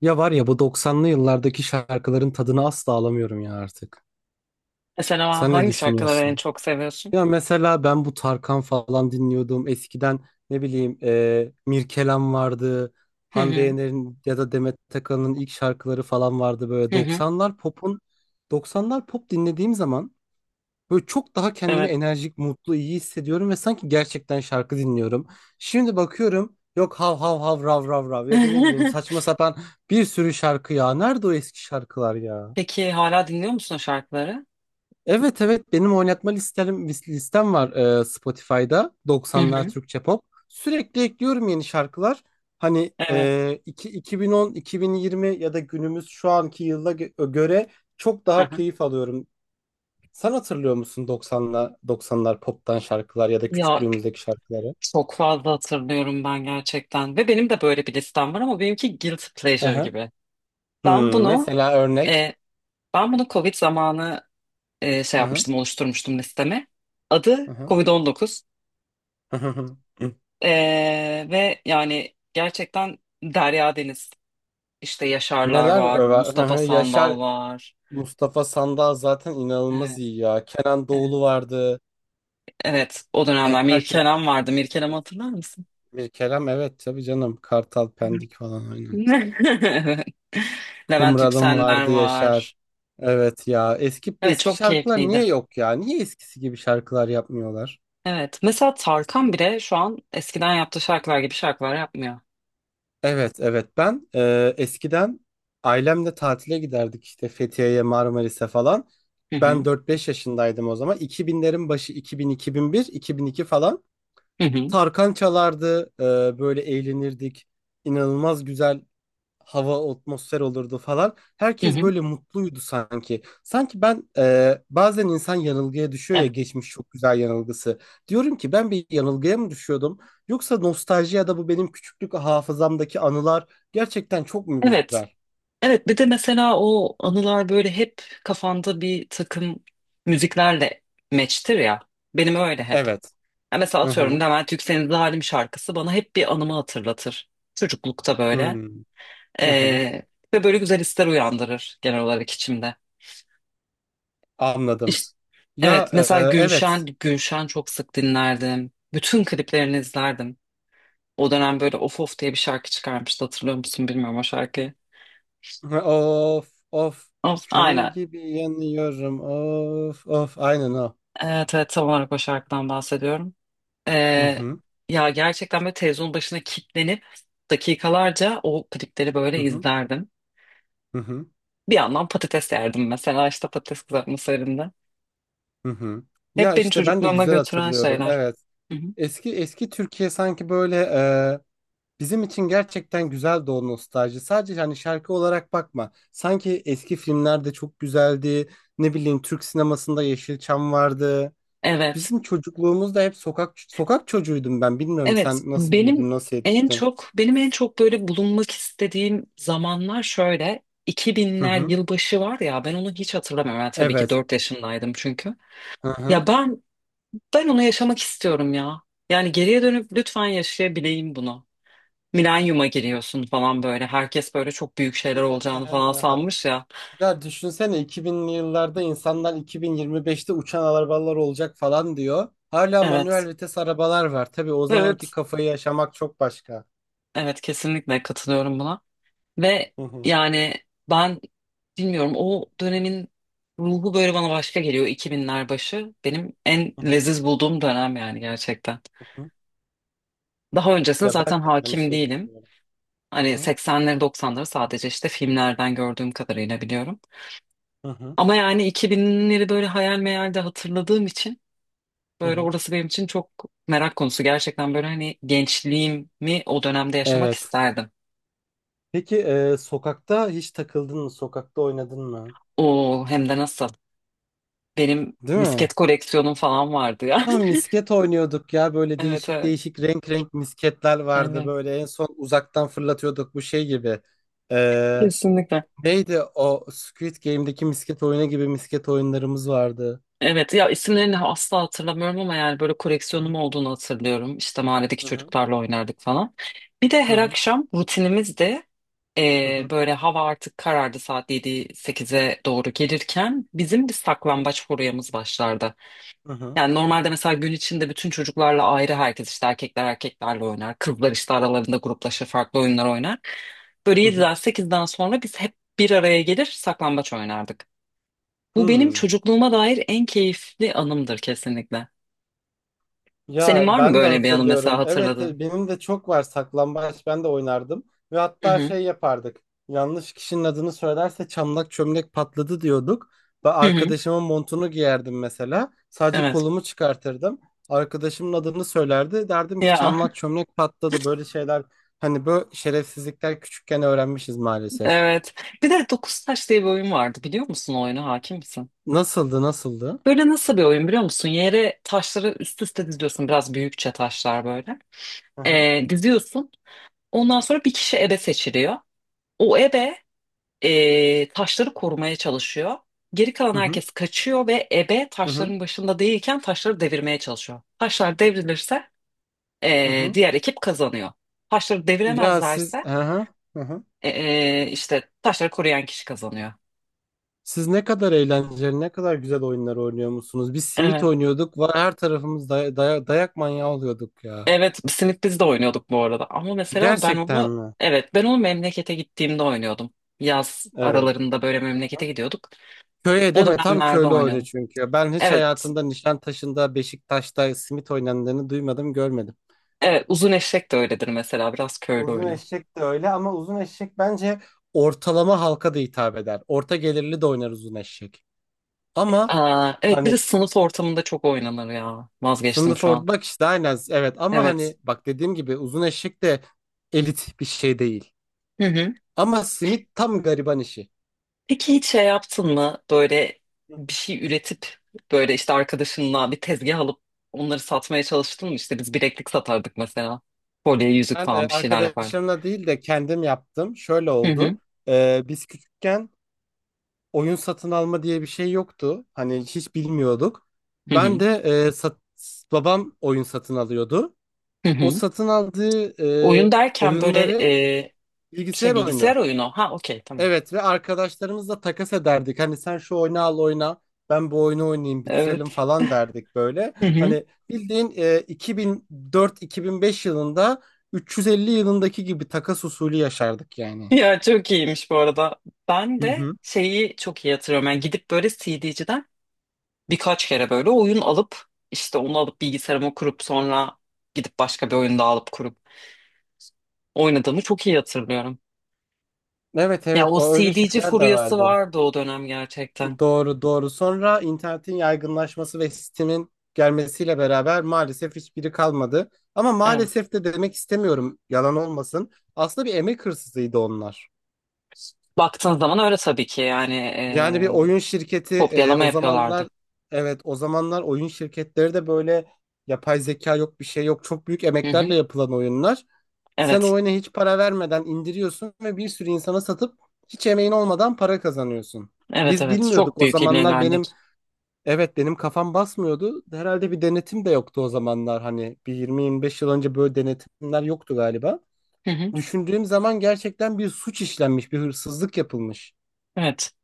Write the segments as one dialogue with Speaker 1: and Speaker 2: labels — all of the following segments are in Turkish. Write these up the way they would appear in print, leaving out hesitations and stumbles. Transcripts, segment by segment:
Speaker 1: Ya var ya bu 90'lı yıllardaki şarkıların tadını asla alamıyorum ya artık.
Speaker 2: Mesela
Speaker 1: Sen ne
Speaker 2: hangi şarkıları en
Speaker 1: düşünüyorsun?
Speaker 2: çok seviyorsun?
Speaker 1: Ya mesela ben bu Tarkan falan dinliyordum. Eskiden ne bileyim, Mirkelam vardı.
Speaker 2: Hı
Speaker 1: Hande
Speaker 2: hı.
Speaker 1: Yener'in ya da Demet Akalın'ın ilk şarkıları falan vardı böyle.
Speaker 2: Hı hı.
Speaker 1: 90'lar pop'un, 90'lar pop dinlediğim zaman böyle çok daha kendimi
Speaker 2: Evet.
Speaker 1: enerjik, mutlu, iyi hissediyorum ve sanki gerçekten şarkı dinliyorum. Şimdi bakıyorum, yok hav hav hav rav rav rav ya da ne bileyim saçma sapan bir sürü şarkı ya. Nerede o eski şarkılar ya?
Speaker 2: Peki hala dinliyor musun o şarkıları?
Speaker 1: Evet, evet, benim oynatma listem, var, Spotify'da
Speaker 2: Hı
Speaker 1: 90'lar
Speaker 2: hı.
Speaker 1: Türkçe pop. Sürekli ekliyorum yeni şarkılar. Hani,
Speaker 2: Evet.
Speaker 1: 2010, 2020 ya da günümüz şu anki yıla göre çok
Speaker 2: Hı
Speaker 1: daha
Speaker 2: hı.
Speaker 1: keyif alıyorum. Sen hatırlıyor musun 90'la 90'lar pop'tan şarkılar ya da
Speaker 2: Ya
Speaker 1: küçüklüğümüzdeki şarkıları?
Speaker 2: çok fazla hatırlıyorum ben gerçekten. Ve benim de böyle bir listem var ama benimki guilty
Speaker 1: Hı
Speaker 2: pleasure
Speaker 1: hı.
Speaker 2: gibi. Ben
Speaker 1: Hmm,
Speaker 2: bunu
Speaker 1: mesela örnek.
Speaker 2: e, ben bunu Covid zamanı şey
Speaker 1: Hı hı.
Speaker 2: yapmıştım, oluşturmuştum listemi. Adı
Speaker 1: Hı hı.
Speaker 2: Covid-19.
Speaker 1: Hı hı. Hı.
Speaker 2: E, ve yani gerçekten Derya Deniz. İşte Yaşarlar
Speaker 1: Neler
Speaker 2: var,
Speaker 1: över? Hı
Speaker 2: Mustafa
Speaker 1: hı.
Speaker 2: Sandal
Speaker 1: Yaşar,
Speaker 2: var.
Speaker 1: Mustafa Sandal zaten inanılmaz
Speaker 2: Evet.
Speaker 1: iyi ya. Kenan Doğulu
Speaker 2: Evet,
Speaker 1: vardı.
Speaker 2: evet, o
Speaker 1: Yani
Speaker 2: dönemler
Speaker 1: herkes,
Speaker 2: Mirkelam vardı. Mirkelam'ı
Speaker 1: evet.
Speaker 2: hatırlar mısın?
Speaker 1: Bir Kerem, evet, tabii canım. Kartal Pendik falan aynen.
Speaker 2: Evet. Levent
Speaker 1: Kumralım
Speaker 2: Yükseller
Speaker 1: vardı Yaşar.
Speaker 2: var.
Speaker 1: Evet ya, eski
Speaker 2: Evet,
Speaker 1: eski
Speaker 2: çok
Speaker 1: şarkılar niye
Speaker 2: keyifliydi.
Speaker 1: yok ya? Niye eskisi gibi şarkılar yapmıyorlar?
Speaker 2: Evet, mesela Tarkan bile şu an eskiden yaptığı şarkılar gibi şarkılar yapmıyor.
Speaker 1: Evet, evet. Ben eskiden ailemle tatile giderdik işte Fethiye'ye, Marmaris'e falan.
Speaker 2: Hı
Speaker 1: Ben
Speaker 2: hı.
Speaker 1: 4-5 yaşındaydım o zaman. 2000'lerin başı, iki iki bin, 2001, 2002 falan.
Speaker 2: Hı hı.
Speaker 1: Tarkan çalardı, böyle eğlenirdik. İnanılmaz güzel hava, atmosfer olurdu falan.
Speaker 2: Hı
Speaker 1: Herkes
Speaker 2: hı.
Speaker 1: böyle mutluydu sanki. Sanki ben bazen insan yanılgıya düşüyor ya,
Speaker 2: Evet.
Speaker 1: geçmiş çok güzel yanılgısı. Diyorum ki, ben bir yanılgıya mı düşüyordum? Yoksa nostalji ya da bu benim küçüklük hafızamdaki anılar gerçekten çok mu
Speaker 2: Evet.
Speaker 1: güzel?
Speaker 2: Evet, bir de mesela o anılar böyle hep kafanda bir takım müziklerle meçtir ya. Benim öyle hep.
Speaker 1: Evet.
Speaker 2: Ya mesela
Speaker 1: Hı
Speaker 2: atıyorum,
Speaker 1: hı.
Speaker 2: Levent Yüksel'in Zalim şarkısı bana hep bir anımı hatırlatır. Çocuklukta böyle.
Speaker 1: Hmm. Hı hı.
Speaker 2: Ee, ve böyle güzel hisler uyandırır genel olarak içimde.
Speaker 1: Anladım.
Speaker 2: İşte,
Speaker 1: Ya
Speaker 2: evet mesela
Speaker 1: evet.
Speaker 2: Gülşen çok sık dinlerdim. Bütün kliplerini izlerdim. O dönem böyle Of Of diye bir şarkı çıkarmıştı, hatırlıyor musun bilmiyorum o şarkıyı.
Speaker 1: Hı, of of.
Speaker 2: Of,
Speaker 1: Kömür
Speaker 2: aynen.
Speaker 1: gibi yanıyorum. Of of. Aynen o.
Speaker 2: Evet, evet, tam olarak o şarkıdan bahsediyorum.
Speaker 1: Hı
Speaker 2: Ee,
Speaker 1: hı.
Speaker 2: ya gerçekten böyle televizyonun başına kilitlenip dakikalarca o klipleri böyle
Speaker 1: Hı hı.
Speaker 2: izlerdim.
Speaker 1: Hı hı.
Speaker 2: Bir yandan patates yerdim mesela, işte patates kızartması halinde.
Speaker 1: Hı hı. Ya
Speaker 2: Hep beni
Speaker 1: işte ben de
Speaker 2: çocukluğuma
Speaker 1: güzel
Speaker 2: götüren
Speaker 1: hatırlıyorum.
Speaker 2: şeyler.
Speaker 1: Evet.
Speaker 2: Hı hı.
Speaker 1: Eski eski Türkiye sanki böyle bizim için gerçekten güzeldi o nostalji. Sadece hani şarkı olarak bakma. Sanki eski filmlerde çok güzeldi. Ne bileyim, Türk sinemasında Yeşilçam vardı.
Speaker 2: Evet.
Speaker 1: Bizim çocukluğumuzda hep sokak sokak çocuğuydum ben. Bilmiyorum,
Speaker 2: Evet,
Speaker 1: sen nasıl büyüdün,
Speaker 2: benim
Speaker 1: nasıl
Speaker 2: en
Speaker 1: yetiştin?
Speaker 2: çok benim en çok böyle bulunmak istediğim zamanlar şöyle iki
Speaker 1: Hı
Speaker 2: binler
Speaker 1: hı.
Speaker 2: yılbaşı var ya, ben onu hiç hatırlamıyorum. Yani tabii ki
Speaker 1: Evet.
Speaker 2: 4 yaşındaydım çünkü.
Speaker 1: Hı hı.
Speaker 2: Ya ben onu yaşamak istiyorum ya. Yani geriye dönüp lütfen yaşayabileyim bunu. Milenyuma giriyorsun falan böyle. Herkes böyle çok büyük şeyler olacağını falan sanmış ya.
Speaker 1: Ya düşünsene, 2000'li yıllarda insanlar 2025'te uçan arabalar olacak falan diyor. Hala manuel
Speaker 2: Evet.
Speaker 1: vites arabalar var. Tabii o zamanki
Speaker 2: Evet.
Speaker 1: kafayı yaşamak çok başka.
Speaker 2: Evet, kesinlikle katılıyorum buna. Ve
Speaker 1: Hı hı,
Speaker 2: yani ben bilmiyorum, o dönemin ruhu böyle bana başka geliyor, 2000'ler başı. Benim en
Speaker 1: hı hı,
Speaker 2: leziz bulduğum dönem yani gerçekten.
Speaker 1: hı hı.
Speaker 2: Daha öncesine
Speaker 1: Ya ben
Speaker 2: zaten
Speaker 1: de aynı
Speaker 2: hakim
Speaker 1: şeyi
Speaker 2: değilim.
Speaker 1: düşünüyorum. Hı
Speaker 2: Hani
Speaker 1: hı,
Speaker 2: 80'leri 90'ları sadece işte filmlerden gördüğüm kadarıyla biliyorum.
Speaker 1: hı hı,
Speaker 2: Ama yani 2000'leri böyle hayal meyal de hatırladığım için
Speaker 1: hı
Speaker 2: böyle
Speaker 1: hı.
Speaker 2: orası benim için çok merak konusu. Gerçekten böyle hani gençliğimi o dönemde yaşamak
Speaker 1: Evet.
Speaker 2: isterdim.
Speaker 1: Peki sokakta hiç takıldın mı? Sokakta oynadın mı?
Speaker 2: O hem de nasıl. Benim
Speaker 1: Değil mi?
Speaker 2: misket koleksiyonum falan vardı ya.
Speaker 1: Lan, misket oynuyorduk ya, böyle
Speaker 2: Evet,
Speaker 1: değişik
Speaker 2: evet.
Speaker 1: değişik renk renk misketler vardı,
Speaker 2: Evet.
Speaker 1: böyle en son uzaktan fırlatıyorduk bu şey gibi. Ee,
Speaker 2: Kesinlikle.
Speaker 1: Neydi o Squid Game'deki misket oyunu gibi misket oyunlarımız vardı.
Speaker 2: Evet ya, isimlerini asla hatırlamıyorum ama yani böyle koleksiyonum olduğunu hatırlıyorum. İşte mahalledeki
Speaker 1: Hı hı
Speaker 2: çocuklarla oynardık falan. Bir de
Speaker 1: hı
Speaker 2: her
Speaker 1: hı
Speaker 2: akşam rutinimiz de
Speaker 1: hı hı
Speaker 2: böyle hava artık karardı, saat yedi sekize doğru gelirken bizim bir
Speaker 1: hı
Speaker 2: saklambaç furyamız başlardı.
Speaker 1: hı
Speaker 2: Yani normalde mesela gün içinde bütün çocuklarla ayrı, herkes işte erkekler erkeklerle oynar. Kızlar işte aralarında gruplaşır, farklı oyunlar oynar. Böyle
Speaker 1: hı hı.
Speaker 2: 7'den 8'den sonra biz hep bir araya gelir saklambaç oynardık.
Speaker 1: Hı
Speaker 2: Bu benim
Speaker 1: hı.
Speaker 2: çocukluğuma dair en keyifli anımdır kesinlikle. Senin
Speaker 1: Ya
Speaker 2: var mı
Speaker 1: ben de
Speaker 2: böyle bir anı mesela
Speaker 1: hatırlıyorum. Evet,
Speaker 2: hatırladığın?
Speaker 1: benim de çok var, saklambaç ben de oynardım. Ve
Speaker 2: Hı
Speaker 1: hatta
Speaker 2: hı.
Speaker 1: şey yapardık. Yanlış kişinin adını söylerse çamlak çömlek patladı diyorduk. Ben
Speaker 2: Hı hı.
Speaker 1: arkadaşımın montunu giyerdim mesela. Sadece
Speaker 2: Evet.
Speaker 1: kolumu çıkartırdım. Arkadaşımın adını söylerdi. Derdim ki
Speaker 2: Ya,
Speaker 1: çamlak çömlek patladı. Böyle şeyler, hani böyle şerefsizlikler küçükken öğrenmişiz maalesef.
Speaker 2: evet. Bir de dokuz taş diye bir oyun vardı, biliyor musun o oyunu, hakim misin?
Speaker 1: Nasıldı, nasıldı?
Speaker 2: Böyle nasıl bir oyun biliyor musun? Yere taşları üst üste diziyorsun, biraz büyükçe taşlar böyle.
Speaker 1: Hı hı.
Speaker 2: Diziyorsun. Ondan sonra bir kişi ebe seçiliyor. O ebe taşları korumaya çalışıyor. Geri kalan
Speaker 1: Hı hı.
Speaker 2: herkes kaçıyor ve ebe
Speaker 1: Hı hı.
Speaker 2: taşların başında değilken taşları devirmeye çalışıyor. Taşlar devrilirse
Speaker 1: Hı hı.
Speaker 2: diğer ekip kazanıyor. Taşları
Speaker 1: Ya siz,
Speaker 2: deviremezlerse
Speaker 1: hı hı. Hı hı.
Speaker 2: e, işte taşları koruyan kişi kazanıyor.
Speaker 1: Siz ne kadar eğlenceli, ne kadar güzel oyunlar oynuyor musunuz? Biz simit
Speaker 2: Evet.
Speaker 1: oynuyorduk. Var, her tarafımız dayak manyağı oluyorduk ya.
Speaker 2: Evet, Simit biz de oynuyorduk bu arada. Ama mesela ben
Speaker 1: Gerçekten
Speaker 2: onu,
Speaker 1: mi?
Speaker 2: evet, ben onu memlekete gittiğimde oynuyordum. Yaz
Speaker 1: Evet.
Speaker 2: aralarında böyle memlekete gidiyorduk.
Speaker 1: Köye
Speaker 2: O
Speaker 1: deme, tam
Speaker 2: dönemlerde
Speaker 1: köylü oyunu
Speaker 2: oynadım.
Speaker 1: çünkü. Ben hiç
Speaker 2: Evet.
Speaker 1: hayatımda Nişantaşı'nda, Beşiktaş'ta simit oynandığını duymadım, görmedim.
Speaker 2: Evet, uzun eşek de öyledir mesela, biraz köylü
Speaker 1: Uzun
Speaker 2: oyunu.
Speaker 1: eşek de öyle ama uzun eşek bence ortalama halka da hitap eder. Orta gelirli de oynar uzun eşek. Ama
Speaker 2: Aa, evet, bir
Speaker 1: hani
Speaker 2: de sınıf ortamında çok oynanır ya. Vazgeçtim
Speaker 1: sınıf
Speaker 2: şu
Speaker 1: orta,
Speaker 2: an.
Speaker 1: bak işte aynen, evet, ama
Speaker 2: Evet.
Speaker 1: hani bak, dediğim gibi uzun eşek de elit bir şey değil.
Speaker 2: Hı hı.
Speaker 1: Ama simit tam gariban işi.
Speaker 2: Peki hiç şey yaptın mı böyle bir şey üretip, böyle işte arkadaşınla bir tezgah alıp onları satmaya çalıştın mı? İşte biz bileklik satardık mesela. Kolye, yüzük
Speaker 1: Ben
Speaker 2: falan bir şeyler yapardık.
Speaker 1: arkadaşlarımla değil de kendim yaptım. Şöyle
Speaker 2: Hı hı.
Speaker 1: oldu. Biz küçükken oyun satın alma diye bir şey yoktu. Hani hiç bilmiyorduk.
Speaker 2: Hı
Speaker 1: Ben
Speaker 2: hı.
Speaker 1: de e, sat- babam oyun satın alıyordu.
Speaker 2: Hı
Speaker 1: O
Speaker 2: hı.
Speaker 1: satın aldığı e,
Speaker 2: Oyun derken böyle
Speaker 1: oyunları,
Speaker 2: e,
Speaker 1: bilgisayar
Speaker 2: şey, bilgisayar
Speaker 1: oyunu.
Speaker 2: oyunu. Ha, okey, tamam.
Speaker 1: Evet, ve arkadaşlarımızla takas ederdik. Hani sen şu oyunu al oyna, ben bu oyunu oynayayım, bitirelim
Speaker 2: Evet.
Speaker 1: falan derdik böyle.
Speaker 2: Hı hı.
Speaker 1: Hani bildiğin 2004-2005 yılında 350 yılındaki gibi takas usulü yaşardık yani.
Speaker 2: Ya çok iyiymiş bu arada. Ben
Speaker 1: Hı
Speaker 2: de
Speaker 1: hı.
Speaker 2: şeyi çok iyi hatırlıyorum. Yani gidip böyle CD'ciden birkaç kere böyle oyun alıp, işte onu alıp bilgisayarıma kurup, sonra gidip başka bir oyun daha alıp kurup oynadığımı çok iyi hatırlıyorum.
Speaker 1: Evet,
Speaker 2: Ya
Speaker 1: evet,
Speaker 2: o
Speaker 1: o öyle
Speaker 2: CD'ci
Speaker 1: şeyler de
Speaker 2: furyası
Speaker 1: vardı.
Speaker 2: vardı o dönem gerçekten.
Speaker 1: Doğru, doğru. Sonra internetin yaygınlaşması ve sistemin gelmesiyle beraber maalesef hiçbiri kalmadı. Ama
Speaker 2: Evet.
Speaker 1: maalesef de demek istemiyorum, yalan olmasın. Aslında bir emek hırsızıydı onlar.
Speaker 2: Baktığın zaman öyle tabii ki, yani
Speaker 1: Yani bir oyun şirketi
Speaker 2: kopyalama
Speaker 1: o
Speaker 2: yapıyorlardı.
Speaker 1: zamanlar, evet, o zamanlar oyun şirketleri de böyle, yapay zeka yok, bir şey yok, çok büyük
Speaker 2: Hı
Speaker 1: emeklerle
Speaker 2: hı.
Speaker 1: yapılan oyunlar. Sen o
Speaker 2: Evet.
Speaker 1: oyuna hiç para vermeden indiriyorsun ve bir sürü insana satıp hiç emeğin olmadan para kazanıyorsun.
Speaker 2: Evet,
Speaker 1: Biz
Speaker 2: evet.
Speaker 1: bilmiyorduk
Speaker 2: Çok
Speaker 1: o
Speaker 2: büyük
Speaker 1: zamanlar, benim,
Speaker 2: illegallik.
Speaker 1: evet, benim kafam basmıyordu. Herhalde bir denetim de yoktu o zamanlar, hani bir 20-25 yıl önce böyle denetimler yoktu galiba.
Speaker 2: Hı hı.
Speaker 1: Düşündüğüm zaman gerçekten bir suç işlenmiş, bir hırsızlık yapılmış.
Speaker 2: Evet.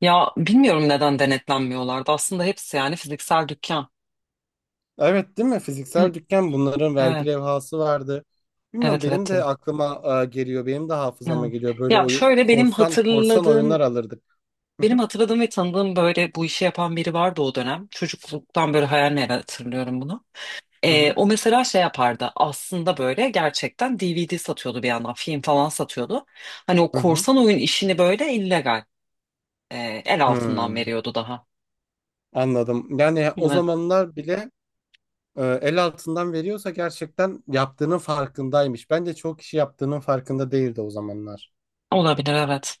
Speaker 2: Ya bilmiyorum neden denetlenmiyorlardı. Aslında hepsi yani fiziksel dükkan.
Speaker 1: Evet, değil mi? Fiziksel
Speaker 2: Hı.
Speaker 1: dükkan, bunların vergi
Speaker 2: Evet.
Speaker 1: levhası vardı. Bilmiyorum,
Speaker 2: Evet,
Speaker 1: benim
Speaker 2: evet.
Speaker 1: de aklıma geliyor. Benim de hafızama
Speaker 2: Evet.
Speaker 1: geliyor. Böyle
Speaker 2: Ya şöyle, benim
Speaker 1: korsan korsan
Speaker 2: hatırladığım
Speaker 1: oyunlar alırdık. Hı
Speaker 2: benim
Speaker 1: hı
Speaker 2: hatırladığım ve tanıdığım böyle bu işi yapan biri vardı o dönem. Çocukluktan böyle hayal meyal hatırlıyorum bunu.
Speaker 1: hı hı
Speaker 2: O mesela şey yapardı aslında, böyle gerçekten DVD satıyordu, bir yandan film falan satıyordu. Hani o
Speaker 1: hı. Hı.
Speaker 2: korsan oyun işini böyle illegal, el altından
Speaker 1: Hmm,
Speaker 2: veriyordu daha.
Speaker 1: Anladım. Yani o
Speaker 2: Evet,
Speaker 1: zamanlar bile el altından veriyorsa gerçekten yaptığının farkındaymış. Bence çoğu kişi yaptığının farkında değildi o zamanlar.
Speaker 2: olabilir, evet,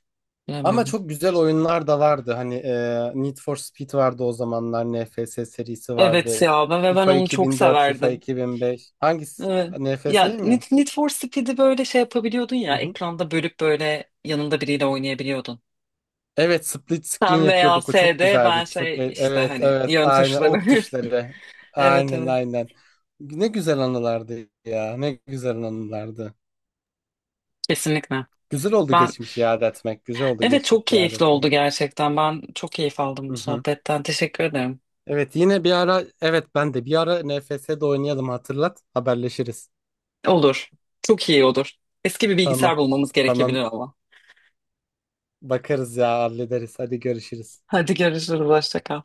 Speaker 1: Ama
Speaker 2: bilemiyorum.
Speaker 1: çok güzel oyunlar da vardı. Hani Need for Speed vardı o zamanlar. NFS serisi
Speaker 2: Evet
Speaker 1: vardı.
Speaker 2: ya ben
Speaker 1: FIFA
Speaker 2: onu
Speaker 1: iki
Speaker 2: çok
Speaker 1: bin dört FIFA
Speaker 2: severdim.
Speaker 1: 2005. Hangisi?
Speaker 2: Evet. Ya
Speaker 1: NFS'yi
Speaker 2: Need,
Speaker 1: mi?
Speaker 2: Need for Speed'i böyle şey yapabiliyordun
Speaker 1: Hı
Speaker 2: ya,
Speaker 1: hı.
Speaker 2: ekranda bölüp böyle yanında biriyle oynayabiliyordun.
Speaker 1: Evet, split screen
Speaker 2: Sen veya
Speaker 1: yapıyorduk. O çok
Speaker 2: S'de
Speaker 1: güzeldi.
Speaker 2: ben
Speaker 1: Çok
Speaker 2: şey, işte
Speaker 1: evet,
Speaker 2: hani
Speaker 1: evet.
Speaker 2: yön
Speaker 1: Aynen ok
Speaker 2: tuşları.
Speaker 1: tuşları.
Speaker 2: Evet,
Speaker 1: Aynen,
Speaker 2: evet,
Speaker 1: aynen. Ne güzel anılardı ya. Ne güzel anılardı.
Speaker 2: kesinlikle.
Speaker 1: Güzel oldu
Speaker 2: Ben
Speaker 1: geçmişi iade etmek. Güzel oldu
Speaker 2: Evet,
Speaker 1: geçmişi
Speaker 2: çok
Speaker 1: iade
Speaker 2: keyifli oldu
Speaker 1: etmek.
Speaker 2: gerçekten. Ben çok keyif aldım bu
Speaker 1: Hı hı.
Speaker 2: sohbetten. Teşekkür ederim.
Speaker 1: Evet, yine bir ara, evet, ben de bir ara NFS'de oynayalım, hatırlat. Haberleşiriz.
Speaker 2: Olur. Çok iyi olur. Eski bir
Speaker 1: Tamam.
Speaker 2: bilgisayar bulmamız
Speaker 1: Tamam.
Speaker 2: gerekebilir ama.
Speaker 1: Bakarız ya, hallederiz. Hadi görüşürüz.
Speaker 2: Hadi görüşürüz. Hoşça kal.